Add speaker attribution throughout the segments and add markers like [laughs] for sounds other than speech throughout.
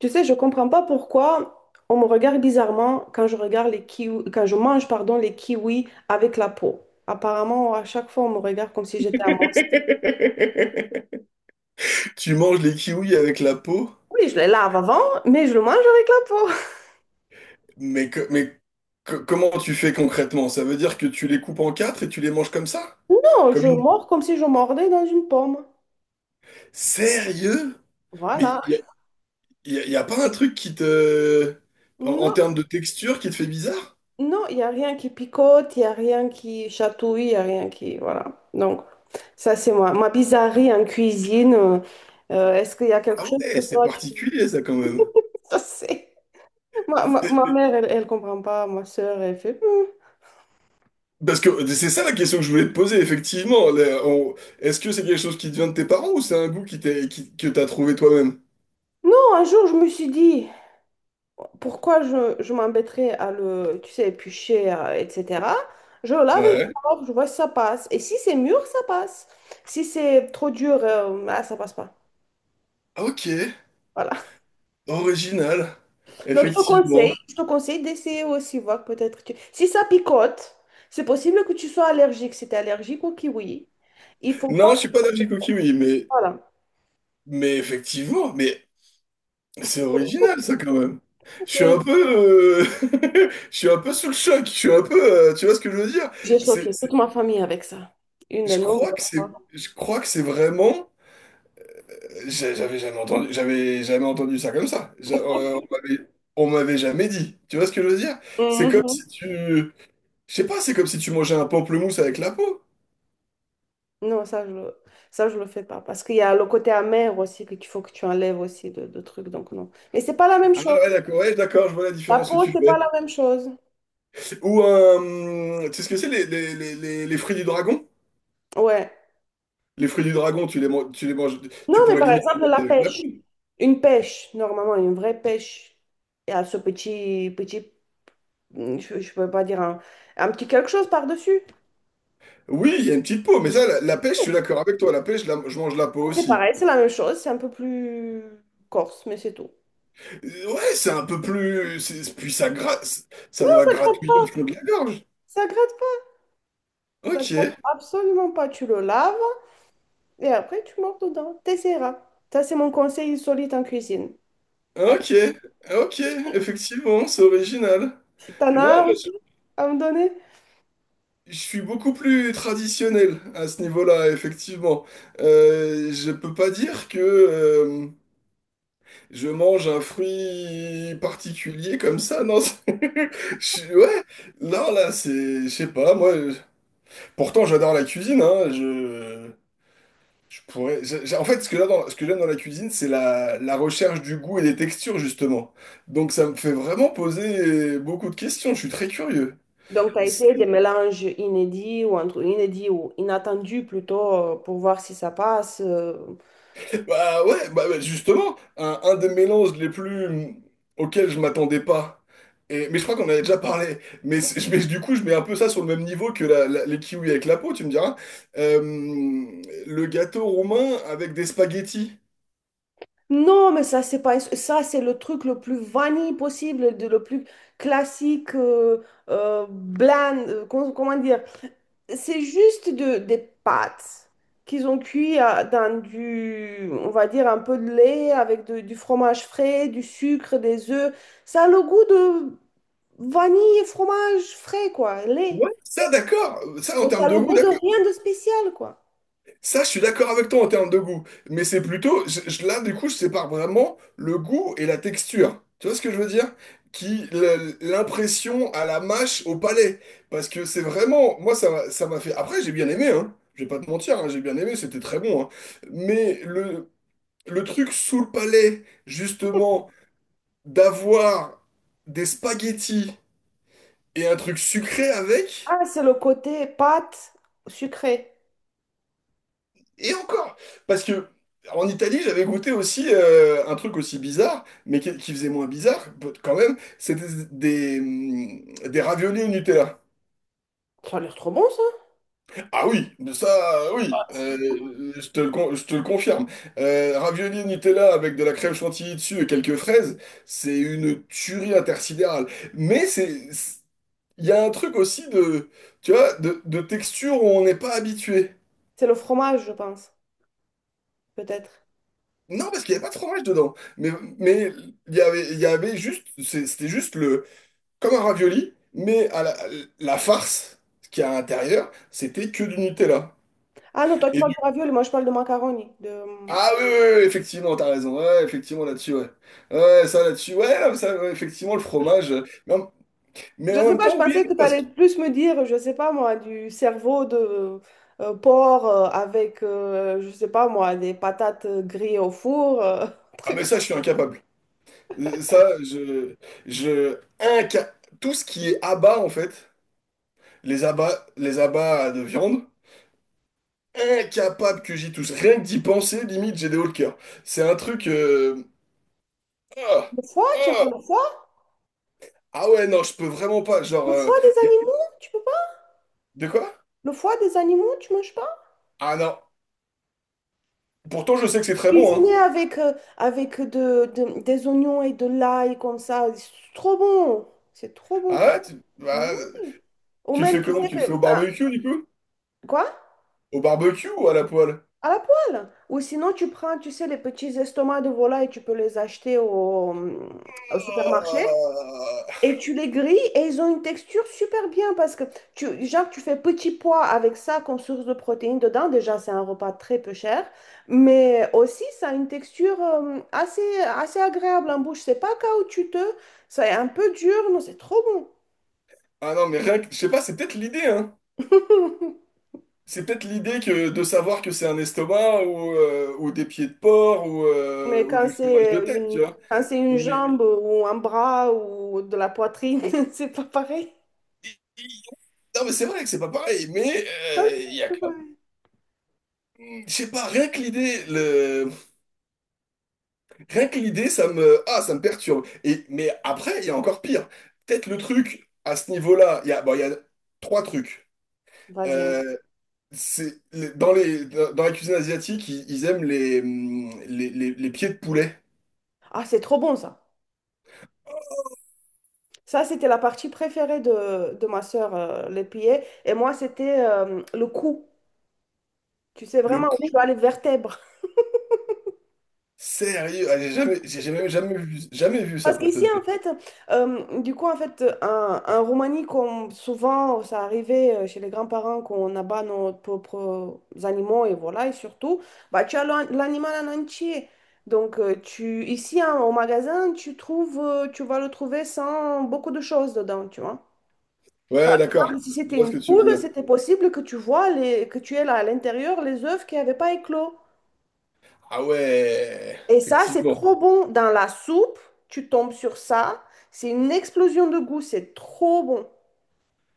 Speaker 1: Tu sais, je comprends pas pourquoi on me regarde bizarrement quand je regarde les kiwis, quand je mange, pardon, les kiwis avec la peau. Apparemment, à chaque fois, on me regarde comme si j'étais un monstre.
Speaker 2: [laughs] Tu manges les kiwis avec la peau,
Speaker 1: Oui, je les lave avant, mais je le mange avec la peau. [laughs]
Speaker 2: mais, que- mais comment tu fais concrètement? Ça veut dire que tu les coupes en quatre et tu les manges comme ça?
Speaker 1: Non, je
Speaker 2: Comme une...
Speaker 1: mords comme si je mordais dans une pomme.
Speaker 2: Sérieux? Mais
Speaker 1: Voilà.
Speaker 2: il y a, y a- y a pas un truc qui te. En
Speaker 1: Non,
Speaker 2: termes de texture qui te fait bizarre?
Speaker 1: non, il n'y a rien qui picote, il n'y a rien qui chatouille, il n'y a rien qui... Voilà. Donc, ça, c'est moi. Ma bizarrerie en cuisine. Est-ce qu'il y a quelque
Speaker 2: Ah
Speaker 1: chose que
Speaker 2: ouais, c'est
Speaker 1: toi?
Speaker 2: particulier ça quand même.
Speaker 1: [laughs] Ça, c'est... ma mère, elle, elle comprend pas. Ma sœur, elle fait. Hmm.
Speaker 2: Parce que c'est ça la question que je voulais te poser, effectivement. Est-ce que c'est quelque chose qui te vient de tes parents ou c'est un goût que t'as trouvé toi-même?
Speaker 1: Non, un jour, je me suis dit, pourquoi je m'embêterais à le, tu sais, éplucher, etc. Je lave et je
Speaker 2: Ouais.
Speaker 1: sors, je vois si ça passe. Et si c'est mûr, ça passe. Si c'est trop dur, ça passe pas.
Speaker 2: Ok.
Speaker 1: Voilà.
Speaker 2: Original,
Speaker 1: Donc,
Speaker 2: effectivement.
Speaker 1: je te conseille d'essayer aussi, voir peut-être. Si ça picote, c'est possible que tu sois allergique. Si tu es allergique au kiwi, il faut pas.
Speaker 2: Non, je suis pas d'Algie Cookie, mais,
Speaker 1: Voilà.
Speaker 2: mais effectivement, mais c'est original ça quand même. Je suis un
Speaker 1: Oui,
Speaker 2: peu, [laughs] je suis un peu sous le choc. Je suis un peu, tu vois ce que je veux dire?
Speaker 1: j'ai
Speaker 2: C'est,
Speaker 1: choqué
Speaker 2: c'est-
Speaker 1: toute ma famille avec ça. Une de
Speaker 2: je crois que
Speaker 1: nombreuses
Speaker 2: c'est,
Speaker 1: fois.
Speaker 2: je crois que c'est vraiment. J'avais jamais entendu ça comme ça. On m'avait jamais dit. Tu vois ce que je veux dire? C'est comme si
Speaker 1: Mhm.
Speaker 2: tu, je sais pas, c'est comme si tu mangeais un pamplemousse avec la peau.
Speaker 1: Non, ça, je le, Ça, je le fais pas. Parce qu'il y a le côté amer aussi qu'il faut que tu enlèves aussi de trucs. Donc, non. Mais c'est pas la même
Speaker 2: Ah
Speaker 1: chose.
Speaker 2: ouais, d'accord, ouais, d'accord, je vois la
Speaker 1: La
Speaker 2: différence que
Speaker 1: peau,
Speaker 2: tu
Speaker 1: c'est
Speaker 2: fais.
Speaker 1: pas la même chose.
Speaker 2: Ou, tu sais ce que c'est, les fruits du dragon?
Speaker 1: Ouais.
Speaker 2: Les fruits du dragon, tu les manges, tu
Speaker 1: Non, mais
Speaker 2: pourrais
Speaker 1: par
Speaker 2: limite les
Speaker 1: exemple, la
Speaker 2: manger avec la
Speaker 1: pêche.
Speaker 2: peau.
Speaker 1: Une pêche, normalement, une vraie pêche. Il y a ce petit, hmm, je peux pas dire un petit quelque chose par-dessus.
Speaker 2: Oui, il y a une petite peau, mais ça, la pêche, je suis d'accord avec toi, la pêche, je mange la peau
Speaker 1: C'est
Speaker 2: aussi.
Speaker 1: pareil, c'est la même chose. C'est un peu plus corse, mais c'est tout.
Speaker 2: Ouais, c'est un peu plus. Puis ça gratte, ça doit gratouiller le fond de la gorge.
Speaker 1: Ça gratte pas. Ça gratte
Speaker 2: Ok,
Speaker 1: absolument pas. Tu le laves et après, tu mords dedans. T'essaieras. Ça, c'est mon conseil solide en cuisine.
Speaker 2: ok, ok, effectivement, c'est original.
Speaker 1: T'en
Speaker 2: Non, moi,
Speaker 1: as
Speaker 2: je
Speaker 1: aussi à me donner?
Speaker 2: je suis beaucoup plus traditionnel à ce niveau-là, effectivement. Je peux pas dire que. Je mange un fruit particulier comme ça, non? [laughs] Ouais, non, là, c'est. Je sais pas, moi. Pourtant, j'adore la cuisine, hein. Je pourrais. En fait, ce que j'aime dans la cuisine, c'est la recherche du goût et des textures, justement. Donc, ça me fait vraiment poser beaucoup de questions. Je suis très curieux.
Speaker 1: Donc, tu as essayé des mélanges inédits ou entre inédits ou inattendus plutôt pour voir si ça passe.
Speaker 2: Bah ouais, bah bah, justement, un des mélanges les plus auxquels je m'attendais pas. Et, mais je crois qu'on en avait déjà parlé. Mais du coup, je mets un peu ça sur le même niveau que les kiwis avec la peau, tu me diras. Euh, le gâteau roumain avec des spaghettis.
Speaker 1: Non, mais ça, c'est pas ça, c'est le truc le plus vanille possible, de, le plus classique, bland, comment dire? C'est juste des pâtes qu'ils ont cuit dans du, on va dire, un peu de lait avec du fromage frais, du sucre, des œufs. Ça a le goût de vanille et fromage frais, quoi, lait.
Speaker 2: Ouais, ça d'accord. Ça en
Speaker 1: Mais ça
Speaker 2: termes
Speaker 1: a
Speaker 2: de
Speaker 1: le
Speaker 2: goût,
Speaker 1: goût de
Speaker 2: d'accord.
Speaker 1: rien de spécial, quoi.
Speaker 2: Ça, je suis d'accord avec toi en termes de goût, mais c'est plutôt, là, du coup, je sépare vraiment le goût et la texture. Tu vois ce que je veux dire? Qui, l'impression à la mâche, au palais. Parce que c'est vraiment, moi, ça m'a fait. Après, j'ai bien aimé, hein. Je vais pas te mentir, hein, j'ai bien aimé, c'était très bon, hein. Mais le truc sous le palais, justement, d'avoir des spaghettis et un truc sucré avec.
Speaker 1: Ah, c'est le côté pâte sucrée.
Speaker 2: Et encore, parce que en Italie, j'avais goûté aussi un truc aussi bizarre, mais qui faisait moins bizarre quand même, c'était des raviolis au Nutella.
Speaker 1: Ça a l'air trop bon, ça.
Speaker 2: Ah oui, de ça, oui, je te le confirme. Raviolis au Nutella avec de la crème chantilly dessus et quelques fraises, c'est une tuerie intersidérale. Mais il y a un truc aussi de, tu vois, de texture où on n'est pas habitué.
Speaker 1: C'est le fromage, je pense, peut-être.
Speaker 2: Non, parce qu'il n'y avait pas de fromage dedans. Mais il y avait juste, c'était juste comme un ravioli, mais à la farce qu'il y a à l'intérieur, c'était que du Nutella.
Speaker 1: Ah non, toi, tu
Speaker 2: Et
Speaker 1: parles
Speaker 2: du...
Speaker 1: de ravioli, moi, je parle de macaroni. De...
Speaker 2: Ah oui, oui, oui, effectivement, t'as raison. Ouais, ouais, effectivement, là-dessus, ouais. Ouais, ouais, ça, là-dessus, ouais, non, ça, ouais, effectivement, le fromage. Mais en, mais
Speaker 1: Je
Speaker 2: en
Speaker 1: sais
Speaker 2: même
Speaker 1: pas, je
Speaker 2: temps, oui,
Speaker 1: pensais
Speaker 2: et non,
Speaker 1: que tu
Speaker 2: parce que.
Speaker 1: allais plus me dire, je sais pas, moi, du cerveau de porc avec, je sais pas, moi, des patates grillées au four. [laughs] Un
Speaker 2: Ah, mais
Speaker 1: truc.
Speaker 2: ça, je suis incapable. Ça, je inca- Tout ce qui est abats en fait, les abats de viande, incapable que j'y touche. Rien que d'y penser, limite, j'ai des hauts le cœur. C'est un truc. Ah,
Speaker 1: Le foie, tu aimes
Speaker 2: ah,
Speaker 1: pas le foie?
Speaker 2: Ah ouais, non, je peux vraiment pas. Genre.
Speaker 1: Le foie des
Speaker 2: Y a-
Speaker 1: animaux, tu peux pas?
Speaker 2: De quoi?
Speaker 1: Le foie des animaux, tu manges pas?
Speaker 2: Ah non. Pourtant, je sais que c'est très bon, hein.
Speaker 1: Cuisiner avec, avec des oignons et de l'ail comme ça, c'est trop bon. C'est trop
Speaker 2: Ah
Speaker 1: bon.
Speaker 2: ouais? Tu,
Speaker 1: Mais
Speaker 2: bah,
Speaker 1: oui. Ou
Speaker 2: tu le fais
Speaker 1: même, tu
Speaker 2: comment?
Speaker 1: sais
Speaker 2: Tu le fais
Speaker 1: que...
Speaker 2: au
Speaker 1: ah,
Speaker 2: barbecue, du coup?
Speaker 1: quoi?
Speaker 2: Au barbecue ou à la poêle?
Speaker 1: À la poêle. Ou sinon, tu prends, tu sais, les petits estomacs de volaille, tu peux les acheter au supermarché.
Speaker 2: Ah
Speaker 1: Et tu les grilles et ils ont une texture super bien parce que tu, genre, tu fais petit pois avec ça comme source de protéines dedans. Déjà, c'est un repas très peu cher, mais aussi ça a une texture euh, assez agréable en bouche. C'est pas caoutchouteux, c'est un peu dur, mais c'est trop bon.
Speaker 2: Ah non, mais rien que. Je sais pas, c'est peut-être l'idée, hein.
Speaker 1: [laughs]
Speaker 2: C'est peut-être l'idée que de savoir que c'est un estomac ou des pieds de porc ou,
Speaker 1: Mais
Speaker 2: euh, ou du fromage de tête, tu vois.
Speaker 1: quand c'est une
Speaker 2: Mais...
Speaker 1: jambe ou un bras ou de la poitrine, [laughs] c'est pas pareil.
Speaker 2: Non, mais c'est vrai que c'est pas pareil, mais
Speaker 1: Ah, si,
Speaker 2: il y a
Speaker 1: c'est pareil.
Speaker 2: Je sais pas, rien que l'idée, rien que l'idée, Ah, ça me perturbe. Mais après, il y a encore pire. Peut-être le truc, à ce niveau-là, Bon, il y a trois trucs.
Speaker 1: Vas-y. Un goût.
Speaker 2: Euh, c'est... Dans la cuisine asiatique, ils aiment les pieds de poulet.
Speaker 1: Ah, c'est trop bon ça. Ça, c'était la partie préférée de ma sœur, les pieds. Et moi, c'était le cou. Tu sais
Speaker 2: Le
Speaker 1: vraiment où tu as
Speaker 2: coup,
Speaker 1: les vertèbres. [laughs]
Speaker 2: sérieux, ah, j'ai jamais... jamais vu... jamais vu ça
Speaker 1: Parce
Speaker 2: pour te
Speaker 1: qu'ici, en
Speaker 2: dire.
Speaker 1: fait, en Roumanie, comme souvent, ça arrivait chez les grands-parents qu'on abat nos propres animaux et voilà, et surtout, bah, tu as l'animal en entier. Donc, ici, hein, au magasin, tu trouves, tu vas le trouver sans beaucoup de choses dedans, tu vois. Par
Speaker 2: Ouais, d'accord.
Speaker 1: exemple, si c'était
Speaker 2: Je vois ce que
Speaker 1: une
Speaker 2: tu veux
Speaker 1: poule,
Speaker 2: dire.
Speaker 1: c'était possible que tu vois les, que tu aies là à l'intérieur les œufs qui n'avaient pas éclos.
Speaker 2: Ah ouais,
Speaker 1: Et ça, c'est
Speaker 2: effectivement.
Speaker 1: trop bon. Dans la soupe, tu tombes sur ça. C'est une explosion de goût. C'est trop bon.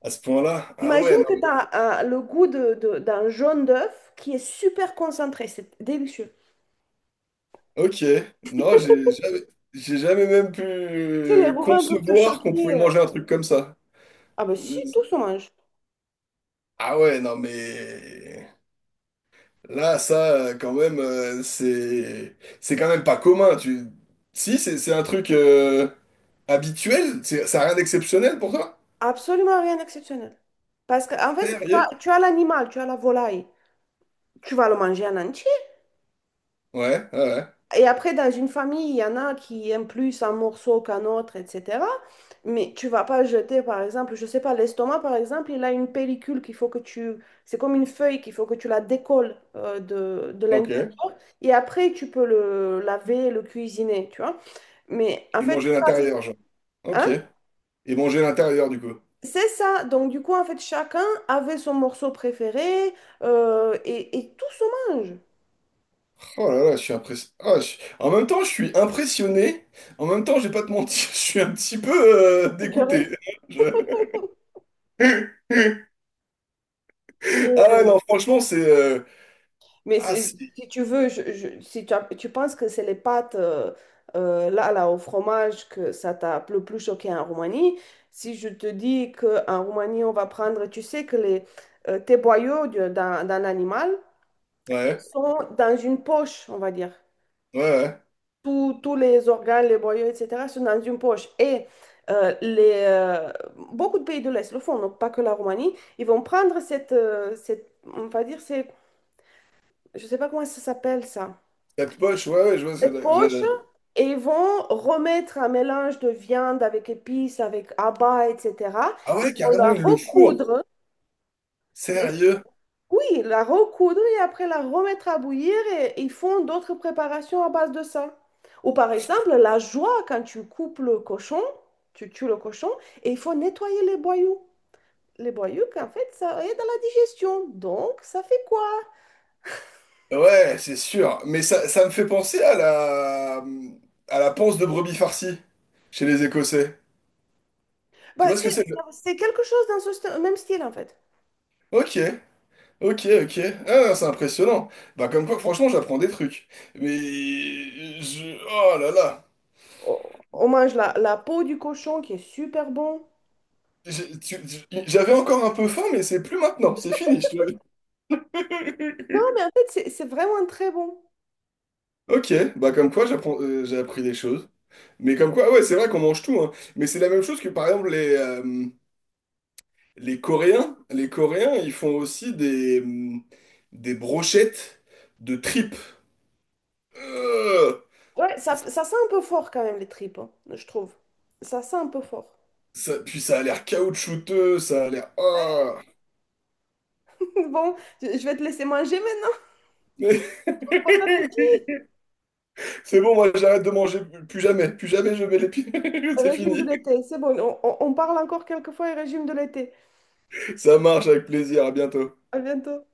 Speaker 2: À ce point-là, ah
Speaker 1: Imagine
Speaker 2: ouais,
Speaker 1: que tu
Speaker 2: non.
Speaker 1: as le goût d'un jaune d'œuf qui est super concentré. C'est délicieux.
Speaker 2: Ok, non, j'ai jamais même
Speaker 1: Tu sais, les
Speaker 2: pu
Speaker 1: Romains peuvent te
Speaker 2: concevoir qu'on
Speaker 1: choquer.
Speaker 2: pouvait manger un truc comme ça.
Speaker 1: Ah ben si,
Speaker 2: Euh,
Speaker 1: tout se mange.
Speaker 2: Ah ouais, non mais là, ça, quand même, c'est quand même pas commun. Si, c'est un truc habituel, ça a rien d'exceptionnel pour toi?
Speaker 1: Absolument rien d'exceptionnel. Parce qu'en fait,
Speaker 2: Sérieux?
Speaker 1: tu as l'animal, tu as la volaille. Tu vas le manger en entier.
Speaker 2: Ouais, ouais, ouais.
Speaker 1: Et après, dans une famille, il y en a qui aiment plus un morceau qu'un autre, etc. Mais tu vas pas jeter, par exemple, je sais pas, l'estomac, par exemple, il a une pellicule qu'il faut que tu... C'est comme une feuille qu'il faut que tu la décolles euh, de
Speaker 2: Ok.
Speaker 1: l'intérieur. Et après, tu peux le laver, le cuisiner, tu vois. Mais en
Speaker 2: Et
Speaker 1: fait,
Speaker 2: manger à
Speaker 1: ça, c'est...
Speaker 2: l'intérieur, genre. Ok.
Speaker 1: Hein?
Speaker 2: Et manger à l'intérieur, du coup.
Speaker 1: C'est ça. Donc, du coup, en fait, chacun avait son morceau préféré et tout se mange.
Speaker 2: Oh là là, je suis impressionné. En même temps, je suis impressionné. En même temps, je vais pas te mentir, [laughs] je suis un petit peu dégoûté.
Speaker 1: Écœuré.
Speaker 2: [laughs] Je- Ah ouais, non, franchement,
Speaker 1: Mais
Speaker 2: Ah
Speaker 1: c'est-
Speaker 2: si,
Speaker 1: si tu veux, si tu penses que c'est les pâtes là, au fromage que ça t'a le plus choqué en Roumanie, si je te dis qu'en Roumanie, on va prendre, tu sais que les tes boyaux d'un animal
Speaker 2: ouais,
Speaker 1: sont dans une poche, on va dire.
Speaker 2: ouais, ouais.
Speaker 1: Tous les organes, les boyaux, etc., sont dans une poche. Et euh, les, euh, beaucoup de pays de l'Est le font, donc pas que la Roumanie, ils vont prendre cette, on va dire, c'est, je sais pas comment ça s'appelle ça.
Speaker 2: Quatre poches, ouais, ouais, je vois ce
Speaker 1: Cette
Speaker 2: que.
Speaker 1: poche et ils vont remettre un mélange de viande avec épices, avec abats, etc.
Speaker 2: Ah
Speaker 1: Ils
Speaker 2: ouais,
Speaker 1: vont
Speaker 2: carrément,
Speaker 1: la
Speaker 2: il le fourre.
Speaker 1: recoudre, bien sûr.
Speaker 2: Sérieux?
Speaker 1: Oui, la recoudre et après la remettre à bouillir et ils font d'autres préparations à base de ça. Ou par exemple, la joie quand tu coupes le cochon, tu tues le cochon et il faut nettoyer les boyaux. Les boyaux, qu'en fait, ça aide à la digestion. Donc, ça fait quoi?
Speaker 2: Ouais, c'est sûr. Mais ça me fait penser à la panse de brebis farcie chez les Écossais. Tu
Speaker 1: Bah,
Speaker 2: vois ce que c'est?
Speaker 1: c'est quelque chose dans ce même style, en fait.
Speaker 2: Ok. Ok, ok. Ah, c'est impressionnant. Bah comme quoi, franchement, j'apprends des trucs. Mais Oh là là.
Speaker 1: On mange la peau du cochon qui est super bon.
Speaker 2: J'avais encore un peu faim, mais c'est plus maintenant. C'est fini.
Speaker 1: Non, mais en fait, c'est vraiment très bon.
Speaker 2: [laughs] Ok, bah comme quoi, j'ai appris des choses. Mais comme quoi, ouais, c'est vrai qu'on mange tout, hein. Mais c'est la même chose que par exemple les Coréens. Les Coréens, ils font aussi des brochettes de tripes. Euh,
Speaker 1: Ouais, ça sent un peu fort quand même, les tripes, hein, je trouve. Ça sent un peu fort.
Speaker 2: puis ça a l'air caoutchouteux, ça a l'air.
Speaker 1: [laughs]
Speaker 2: Ah.
Speaker 1: Bon, je vais te laisser manger maintenant.
Speaker 2: [laughs]
Speaker 1: [laughs] Bon appétit.
Speaker 2: C'est bon, moi j'arrête de manger, plus jamais je mets les pieds, [laughs] c'est
Speaker 1: Régime de
Speaker 2: fini.
Speaker 1: l'été, c'est bon. On parle encore quelques fois et régime de l'été.
Speaker 2: Ça marche avec plaisir, à bientôt.
Speaker 1: À bientôt.